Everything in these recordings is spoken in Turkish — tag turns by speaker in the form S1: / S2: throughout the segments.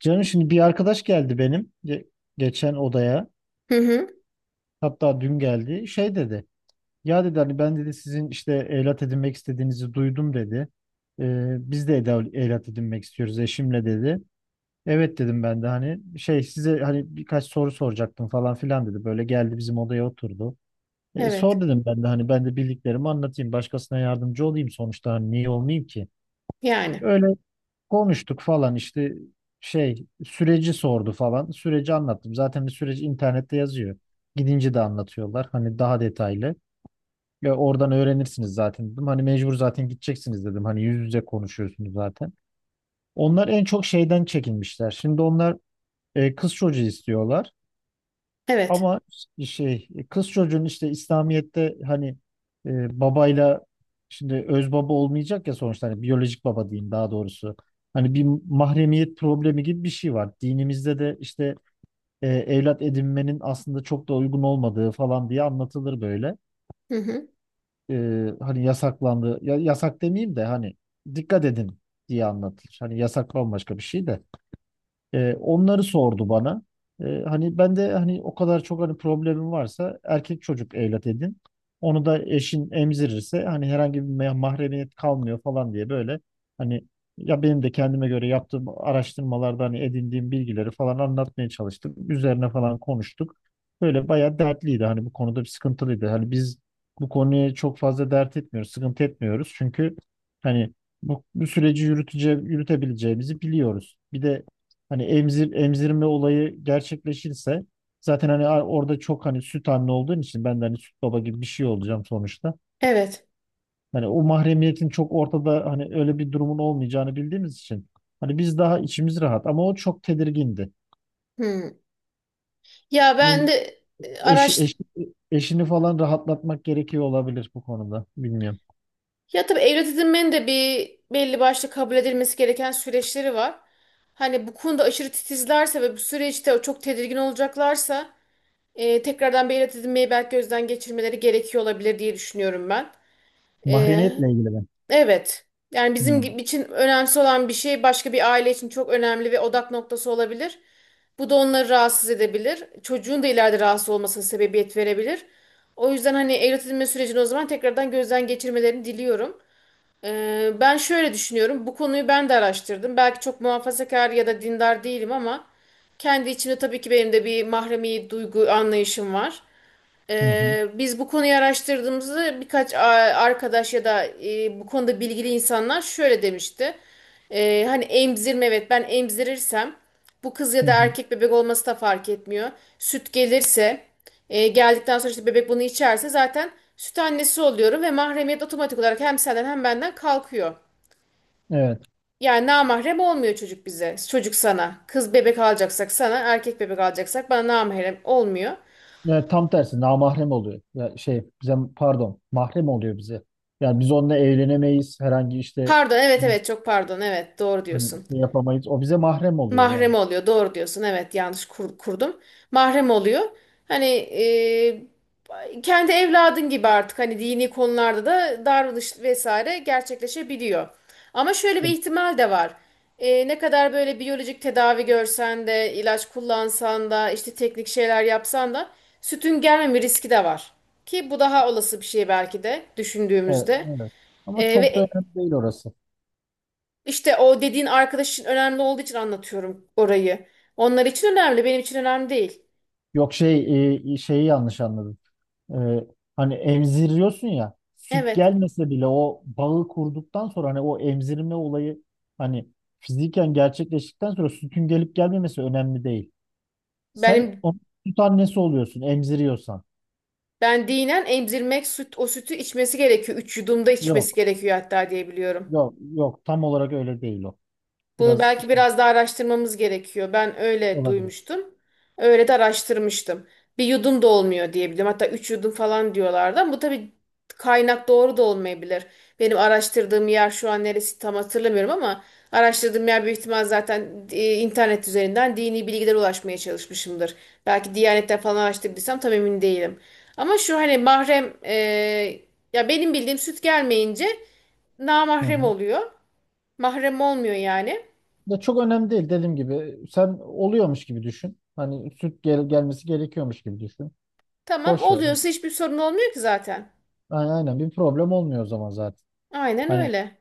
S1: Canım şimdi bir arkadaş geldi benim geçen odaya.
S2: Hı hı.
S1: Hatta dün geldi. Şey dedi. Ya dedi hani ben dedi sizin işte evlat edinmek istediğinizi duydum dedi. Biz de evlat edinmek istiyoruz eşimle dedi. Evet dedim ben de hani şey size hani birkaç soru soracaktım falan filan dedi. Böyle geldi bizim odaya oturdu. Sor
S2: Evet.
S1: dedim ben de bildiklerimi anlatayım. Başkasına yardımcı olayım sonuçta hani niye olmayayım ki?
S2: Yani.
S1: Öyle. Konuştuk falan işte şey süreci sordu falan. Süreci anlattım. Zaten bir süreci internette yazıyor. Gidince de anlatıyorlar. Hani daha detaylı. Ya oradan öğrenirsiniz zaten dedim. Hani mecbur zaten gideceksiniz dedim. Hani yüz yüze konuşuyorsunuz zaten. Onlar en çok şeyden çekinmişler. Şimdi onlar kız çocuğu istiyorlar.
S2: Evet.
S1: Ama işte şey kız çocuğun işte İslamiyet'te hani babayla şimdi öz baba olmayacak ya sonuçta hani biyolojik baba diyeyim daha doğrusu. Hani bir mahremiyet problemi gibi bir şey var. Dinimizde de işte evlat edinmenin aslında çok da uygun olmadığı falan diye anlatılır böyle.
S2: Hı hı.
S1: E, hani yasaklandı ya, yasak demeyeyim de hani dikkat edin diye anlatılır. Hani yasak bambaşka bir şey de. Onları sordu bana. Hani ben de hani o kadar çok hani problemim varsa erkek çocuk evlat edin. Onu da eşin emzirirse hani herhangi bir mahremiyet kalmıyor falan diye böyle hani ya benim de kendime göre yaptığım araştırmalarda hani edindiğim bilgileri falan anlatmaya çalıştım. Üzerine falan konuştuk. Böyle bayağı dertliydi hani bu konuda bir sıkıntılıydı. Hani biz bu konuya çok fazla dert etmiyoruz, sıkıntı etmiyoruz. Çünkü hani bu süreci yürütebileceğimizi biliyoruz. Bir de hani emzirme olayı gerçekleşirse zaten hani orada çok hani süt anne olduğun için ben de hani süt baba gibi bir şey olacağım sonuçta.
S2: Evet.
S1: Hani o mahremiyetin çok ortada hani öyle bir durumun olmayacağını bildiğimiz için hani biz daha içimiz rahat ama o çok tedirgindi.
S2: Hı. Ya
S1: Yani
S2: ben de
S1: Eşi,
S2: araç
S1: eşi- eşini falan rahatlatmak gerekiyor olabilir bu konuda. Bilmiyorum.
S2: ya tabii evlat edinmenin de bir belli başlı kabul edilmesi gereken süreçleri var. Hani bu konuda aşırı titizlerse ve bu süreçte çok tedirgin olacaklarsa tekrardan bir evlat edinmeyi belki gözden geçirmeleri gerekiyor olabilir diye düşünüyorum ben. E,
S1: Mahremiyetle ilgili ben.
S2: Evet. Yani
S1: Hı
S2: için önemsiz olan bir şey başka bir aile için çok önemli ve odak noktası olabilir. Bu da onları rahatsız edebilir. Çocuğun da ileride rahatsız olmasına sebebiyet verebilir. O yüzden hani evlat edinme sürecini o zaman tekrardan gözden geçirmelerini diliyorum. Ben şöyle düşünüyorum. Bu konuyu ben de araştırdım. Belki çok muhafazakar ya da dindar değilim ama kendi içimde tabii ki benim de bir mahremi duygu anlayışım var.
S1: hı.
S2: Biz bu konuyu araştırdığımızda arkadaş ya da bu konuda bilgili insanlar şöyle demişti. Hani emzirme, evet, ben emzirirsem bu kız ya
S1: Hı
S2: da
S1: hı.
S2: erkek bebek olması da fark etmiyor. Süt gelirse geldikten sonra işte bebek bunu içerse zaten süt annesi oluyorum ve mahremiyet otomatik olarak hem senden hem benden kalkıyor.
S1: Evet.
S2: Yani namahrem olmuyor çocuk bize. Çocuk sana. Kız bebek alacaksak sana, erkek bebek alacaksak bana namahrem olmuyor.
S1: Ya tam tersi namahrem oluyor. Ya şey bize pardon mahrem oluyor bize. Yani biz onunla evlenemeyiz. Herhangi işte
S2: Pardon, evet, evet, çok pardon. Evet, doğru
S1: hani
S2: diyorsun.
S1: şey yapamayız. O bize mahrem oluyor
S2: Mahrem
S1: yani.
S2: oluyor. Doğru diyorsun. Evet, yanlış kurdum. Mahrem oluyor. Hani kendi evladın gibi artık hani dini konularda da davranış vesaire gerçekleşebiliyor. Ama şöyle bir
S1: Evet,
S2: ihtimal de var. Ne kadar böyle biyolojik tedavi görsen de, ilaç kullansan da, işte teknik şeyler yapsan da sütün gelmeme riski de var. Ki bu daha olası bir şey belki de
S1: evet.
S2: düşündüğümüzde.
S1: Evet. Ama
S2: E,
S1: çok da
S2: ve
S1: önemli değil orası.
S2: işte o dediğin arkadaşın önemli olduğu için anlatıyorum orayı. Onlar için önemli, benim için önemli değil.
S1: Yok şey şeyi yanlış anladın. E, hani emziriyorsun ya süt
S2: Evet.
S1: gelmese bile o bağı kurduktan sonra hani o emzirme olayı hani fiziken gerçekleştikten sonra sütün gelip gelmemesi önemli değil. Sen
S2: Benim
S1: onun süt annesi oluyorsun emziriyorsan.
S2: Ben dinen emzirmek süt o sütü içmesi gerekiyor. Üç yudumda içmesi
S1: Yok.
S2: gerekiyor hatta diye biliyorum.
S1: Yok yok tam olarak öyle değil o.
S2: Bunu
S1: Biraz
S2: belki
S1: işte
S2: biraz daha araştırmamız gerekiyor. Ben öyle
S1: olabilir.
S2: duymuştum. Öyle de araştırmıştım. Bir yudum da olmuyor diyebilirim. Hatta üç yudum falan diyorlardı ama bu tabii kaynak doğru da olmayabilir. Benim araştırdığım yer şu an neresi tam hatırlamıyorum ama araştırdığım yer büyük ihtimal zaten internet üzerinden dini bilgilere ulaşmaya çalışmışımdır. Belki Diyanet'ten falan araştırdıysam tam emin değilim. Ama şu hani ya benim bildiğim süt gelmeyince
S1: Hı
S2: namahrem
S1: hı.
S2: oluyor. Mahrem olmuyor yani.
S1: Ya çok önemli değil dediğim gibi. Sen oluyormuş gibi düşün. Hani süt gelmesi gerekiyormuş gibi düşün.
S2: Tamam,
S1: Boş ver.
S2: oluyorsa hiçbir sorun olmuyor ki zaten.
S1: Aynen, aynen bir problem olmuyor o zaman zaten.
S2: Aynen
S1: Hani
S2: öyle.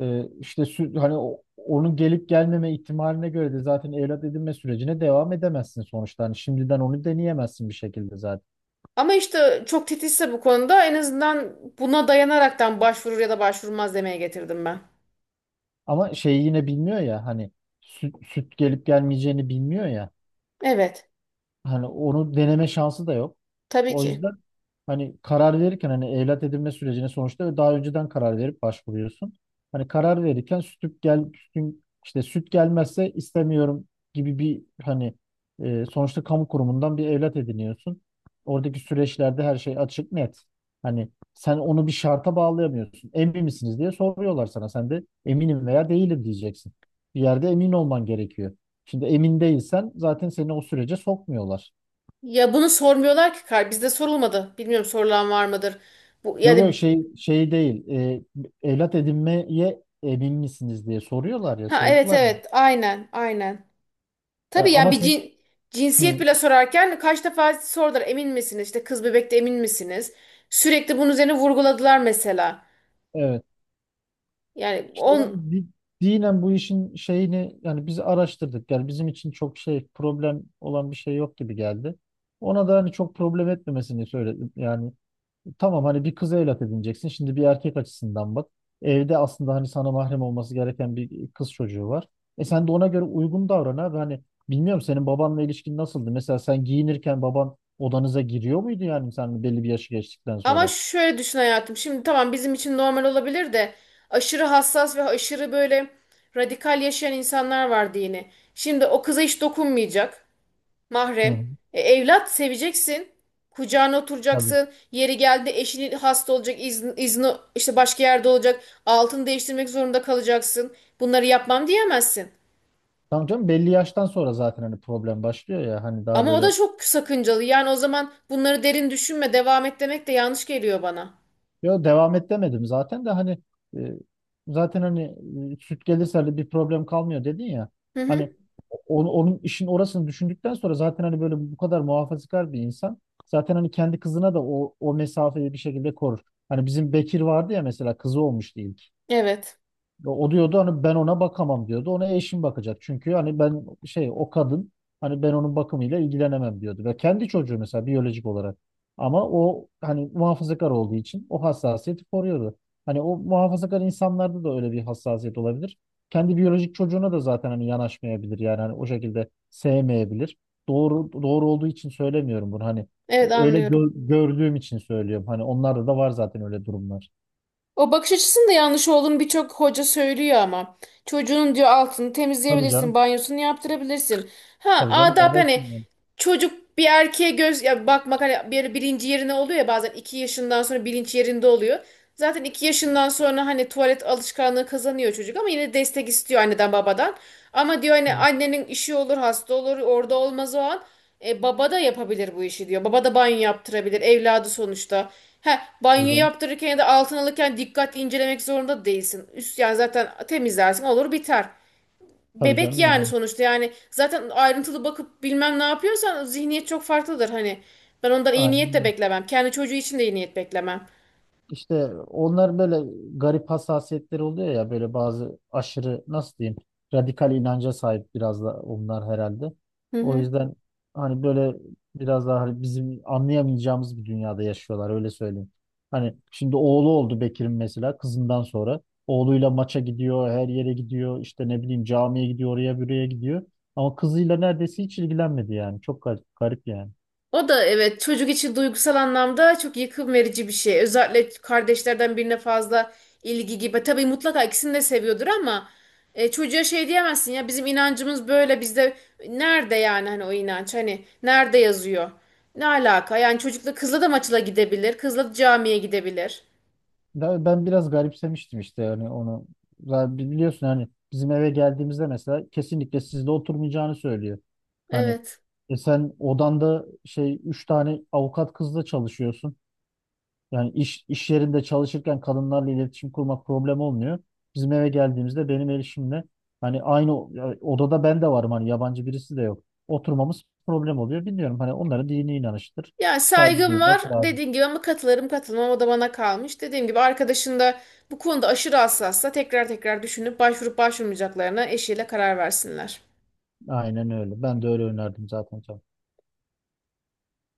S1: işte süt hani onun gelip gelmeme ihtimaline göre de zaten evlat edinme sürecine devam edemezsin sonuçta. Hani şimdiden onu deneyemezsin bir şekilde zaten.
S2: Ama işte çok titizse bu konuda en azından buna dayanaraktan başvurur ya da başvurmaz demeye getirdim ben.
S1: Ama şeyi yine bilmiyor ya hani süt gelip gelmeyeceğini bilmiyor ya.
S2: Evet,
S1: Hani onu deneme şansı da yok.
S2: tabii
S1: O
S2: ki.
S1: yüzden hani karar verirken hani evlat edinme sürecine sonuçta daha önceden karar verip başvuruyorsun. Hani karar verirken sütün işte süt gelmezse istemiyorum gibi bir hani sonuçta kamu kurumundan bir evlat ediniyorsun. Oradaki süreçlerde her şey açık net. Hani sen onu bir şarta bağlayamıyorsun. Emin misiniz diye soruyorlar sana. Sen de eminim veya değilim diyeceksin. Bir yerde emin olman gerekiyor. Şimdi emin değilsen zaten seni o sürece sokmuyorlar.
S2: Ya bunu sormuyorlar ki, kar bizde sorulmadı. Bilmiyorum, sorulan var mıdır? Bu
S1: Yok yok
S2: yani
S1: şey değil. Evlat edinmeye emin misiniz diye soruyorlar ya
S2: ha evet,
S1: sordular mı?
S2: evet, aynen, aynen.
S1: Ya
S2: Tabii yani
S1: ama sen.
S2: cinsiyet
S1: Hı,
S2: bile sorarken kaç defa sordular emin misiniz? İşte kız bebekte emin misiniz? Sürekli bunun üzerine vurguladılar mesela.
S1: evet.
S2: Yani
S1: İşte
S2: on
S1: yani dinen bu işin şeyini yani biz araştırdık. Yani bizim için çok şey problem olan bir şey yok gibi geldi. Ona da hani çok problem etmemesini söyledim. Yani tamam hani bir kıza evlat edineceksin. Şimdi bir erkek açısından bak. Evde aslında hani sana mahrem olması gereken bir kız çocuğu var. Sen de ona göre uygun davran abi. Hani bilmiyorum senin babanla ilişkin nasıldı? Mesela sen giyinirken baban odanıza giriyor muydu yani sen belli bir yaşı geçtikten
S2: Ama
S1: sonra?
S2: şöyle düşün hayatım. Şimdi tamam, bizim için normal olabilir de aşırı hassas ve aşırı böyle radikal yaşayan insanlar vardı yine. Şimdi o kıza hiç dokunmayacak.
S1: Hı
S2: Mahrem.
S1: hı.
S2: Evlat seveceksin. Kucağına
S1: Tabii.
S2: oturacaksın. Yeri geldi, eşinin hasta olacak, izni işte başka yerde olacak. Altını değiştirmek zorunda kalacaksın. Bunları yapmam diyemezsin.
S1: Tamam canım belli yaştan sonra zaten hani problem başlıyor ya hani daha
S2: Ama o da
S1: böyle.
S2: çok sakıncalı. Yani o zaman bunları derin düşünme, devam et demek de yanlış geliyor bana.
S1: Yo, devam et demedim zaten de hani e, zaten hani süt gelirse de bir problem kalmıyor dedin ya.
S2: Hı hı.
S1: Hani onun işin orasını düşündükten sonra zaten hani böyle bu kadar muhafazakar bir insan zaten hani kendi kızına da o mesafeyi bir şekilde korur. Hani bizim Bekir vardı ya mesela kızı olmuştu ilk.
S2: Evet.
S1: O diyordu hani ben ona bakamam diyordu. Ona eşim bakacak. Çünkü hani ben şey o kadın hani ben onun bakımıyla ilgilenemem diyordu. Ve kendi çocuğu mesela biyolojik olarak. Ama o hani muhafazakar olduğu için o hassasiyeti koruyordu. Hani o muhafazakar insanlarda da öyle bir hassasiyet olabilir. Kendi biyolojik çocuğuna da zaten hani yanaşmayabilir yani hani o şekilde sevmeyebilir. Doğru olduğu için söylemiyorum bunu hani
S2: Evet,
S1: öyle
S2: anlıyorum.
S1: gördüğüm için söylüyorum. Hani onlarda da var zaten öyle durumlar.
S2: O bakış açısının da yanlış olduğunu birçok hoca söylüyor ama. Çocuğun diyor altını
S1: Tabii
S2: temizleyebilirsin,
S1: canım.
S2: banyosunu yaptırabilirsin. Ha
S1: Tabii canım
S2: adap hani
S1: babasın yani.
S2: çocuk bir erkeğe göz ya bakmak hani bir, bilinci yerine oluyor ya bazen iki yaşından sonra bilinç yerinde oluyor. Zaten iki yaşından sonra hani tuvalet alışkanlığı kazanıyor çocuk ama yine destek istiyor anneden babadan. Ama diyor hani annenin işi olur, hasta olur, orada olmaz o an. Baba da yapabilir bu işi diyor. Baba da banyo yaptırabilir. Evladı sonuçta. He,
S1: Tabii
S2: banyo
S1: canım.
S2: yaptırırken ya da altın alırken dikkat incelemek zorunda değilsin. Üst yani zaten temizlersin olur biter.
S1: Tabii
S2: Bebek
S1: canım
S2: yani
S1: yani.
S2: sonuçta yani zaten ayrıntılı bakıp bilmem ne yapıyorsan zihniyet çok farklıdır hani. Ben ondan iyi niyet de
S1: Aynen.
S2: beklemem. Kendi çocuğu için de iyi niyet beklemem.
S1: İşte onlar böyle garip hassasiyetleri oluyor ya böyle bazı aşırı nasıl diyeyim radikal inanca sahip biraz da onlar herhalde.
S2: Hı
S1: O
S2: hı.
S1: yüzden hani böyle biraz daha hani bizim anlayamayacağımız bir dünyada yaşıyorlar öyle söyleyeyim. Hani şimdi oğlu oldu Bekir'in mesela kızından sonra. Oğluyla maça gidiyor, her yere gidiyor, işte ne bileyim camiye gidiyor, oraya buraya gidiyor. Ama kızıyla neredeyse hiç ilgilenmedi yani. Çok garip, garip yani.
S2: O da evet, çocuk için duygusal anlamda çok yıkım verici bir şey. Özellikle kardeşlerden birine fazla ilgi gibi. Tabii mutlaka ikisini de seviyordur ama çocuğa şey diyemezsin ya bizim inancımız böyle, bizde nerede yani, hani o inanç hani nerede yazıyor? Ne alaka? Yani çocukla kızla da maçla gidebilir. Kızla da camiye gidebilir.
S1: Ben biraz garipsemiştim işte yani onu. Zaten biliyorsun hani bizim eve geldiğimizde mesela kesinlikle sizde oturmayacağını söylüyor. Hani
S2: Evet.
S1: sen odanda şey üç tane avukat kızla çalışıyorsun. Yani iş yerinde çalışırken kadınlarla iletişim kurmak problem olmuyor. Bizim eve geldiğimizde benim erişimle hani aynı ya odada ben de varım hani yabancı birisi de yok. Oturmamız problem oluyor. Bilmiyorum hani onların dini inanıştır.
S2: Ya
S1: Saygı
S2: saygım var
S1: duymak lazım.
S2: dediğin gibi, ama katılırım katılmam o da bana kalmış. Dediğim gibi arkadaşın da bu konuda aşırı hassassa tekrar tekrar düşünüp başvurup başvurmayacaklarına eşiyle karar versinler.
S1: Aynen öyle. Ben de öyle önerdim zaten.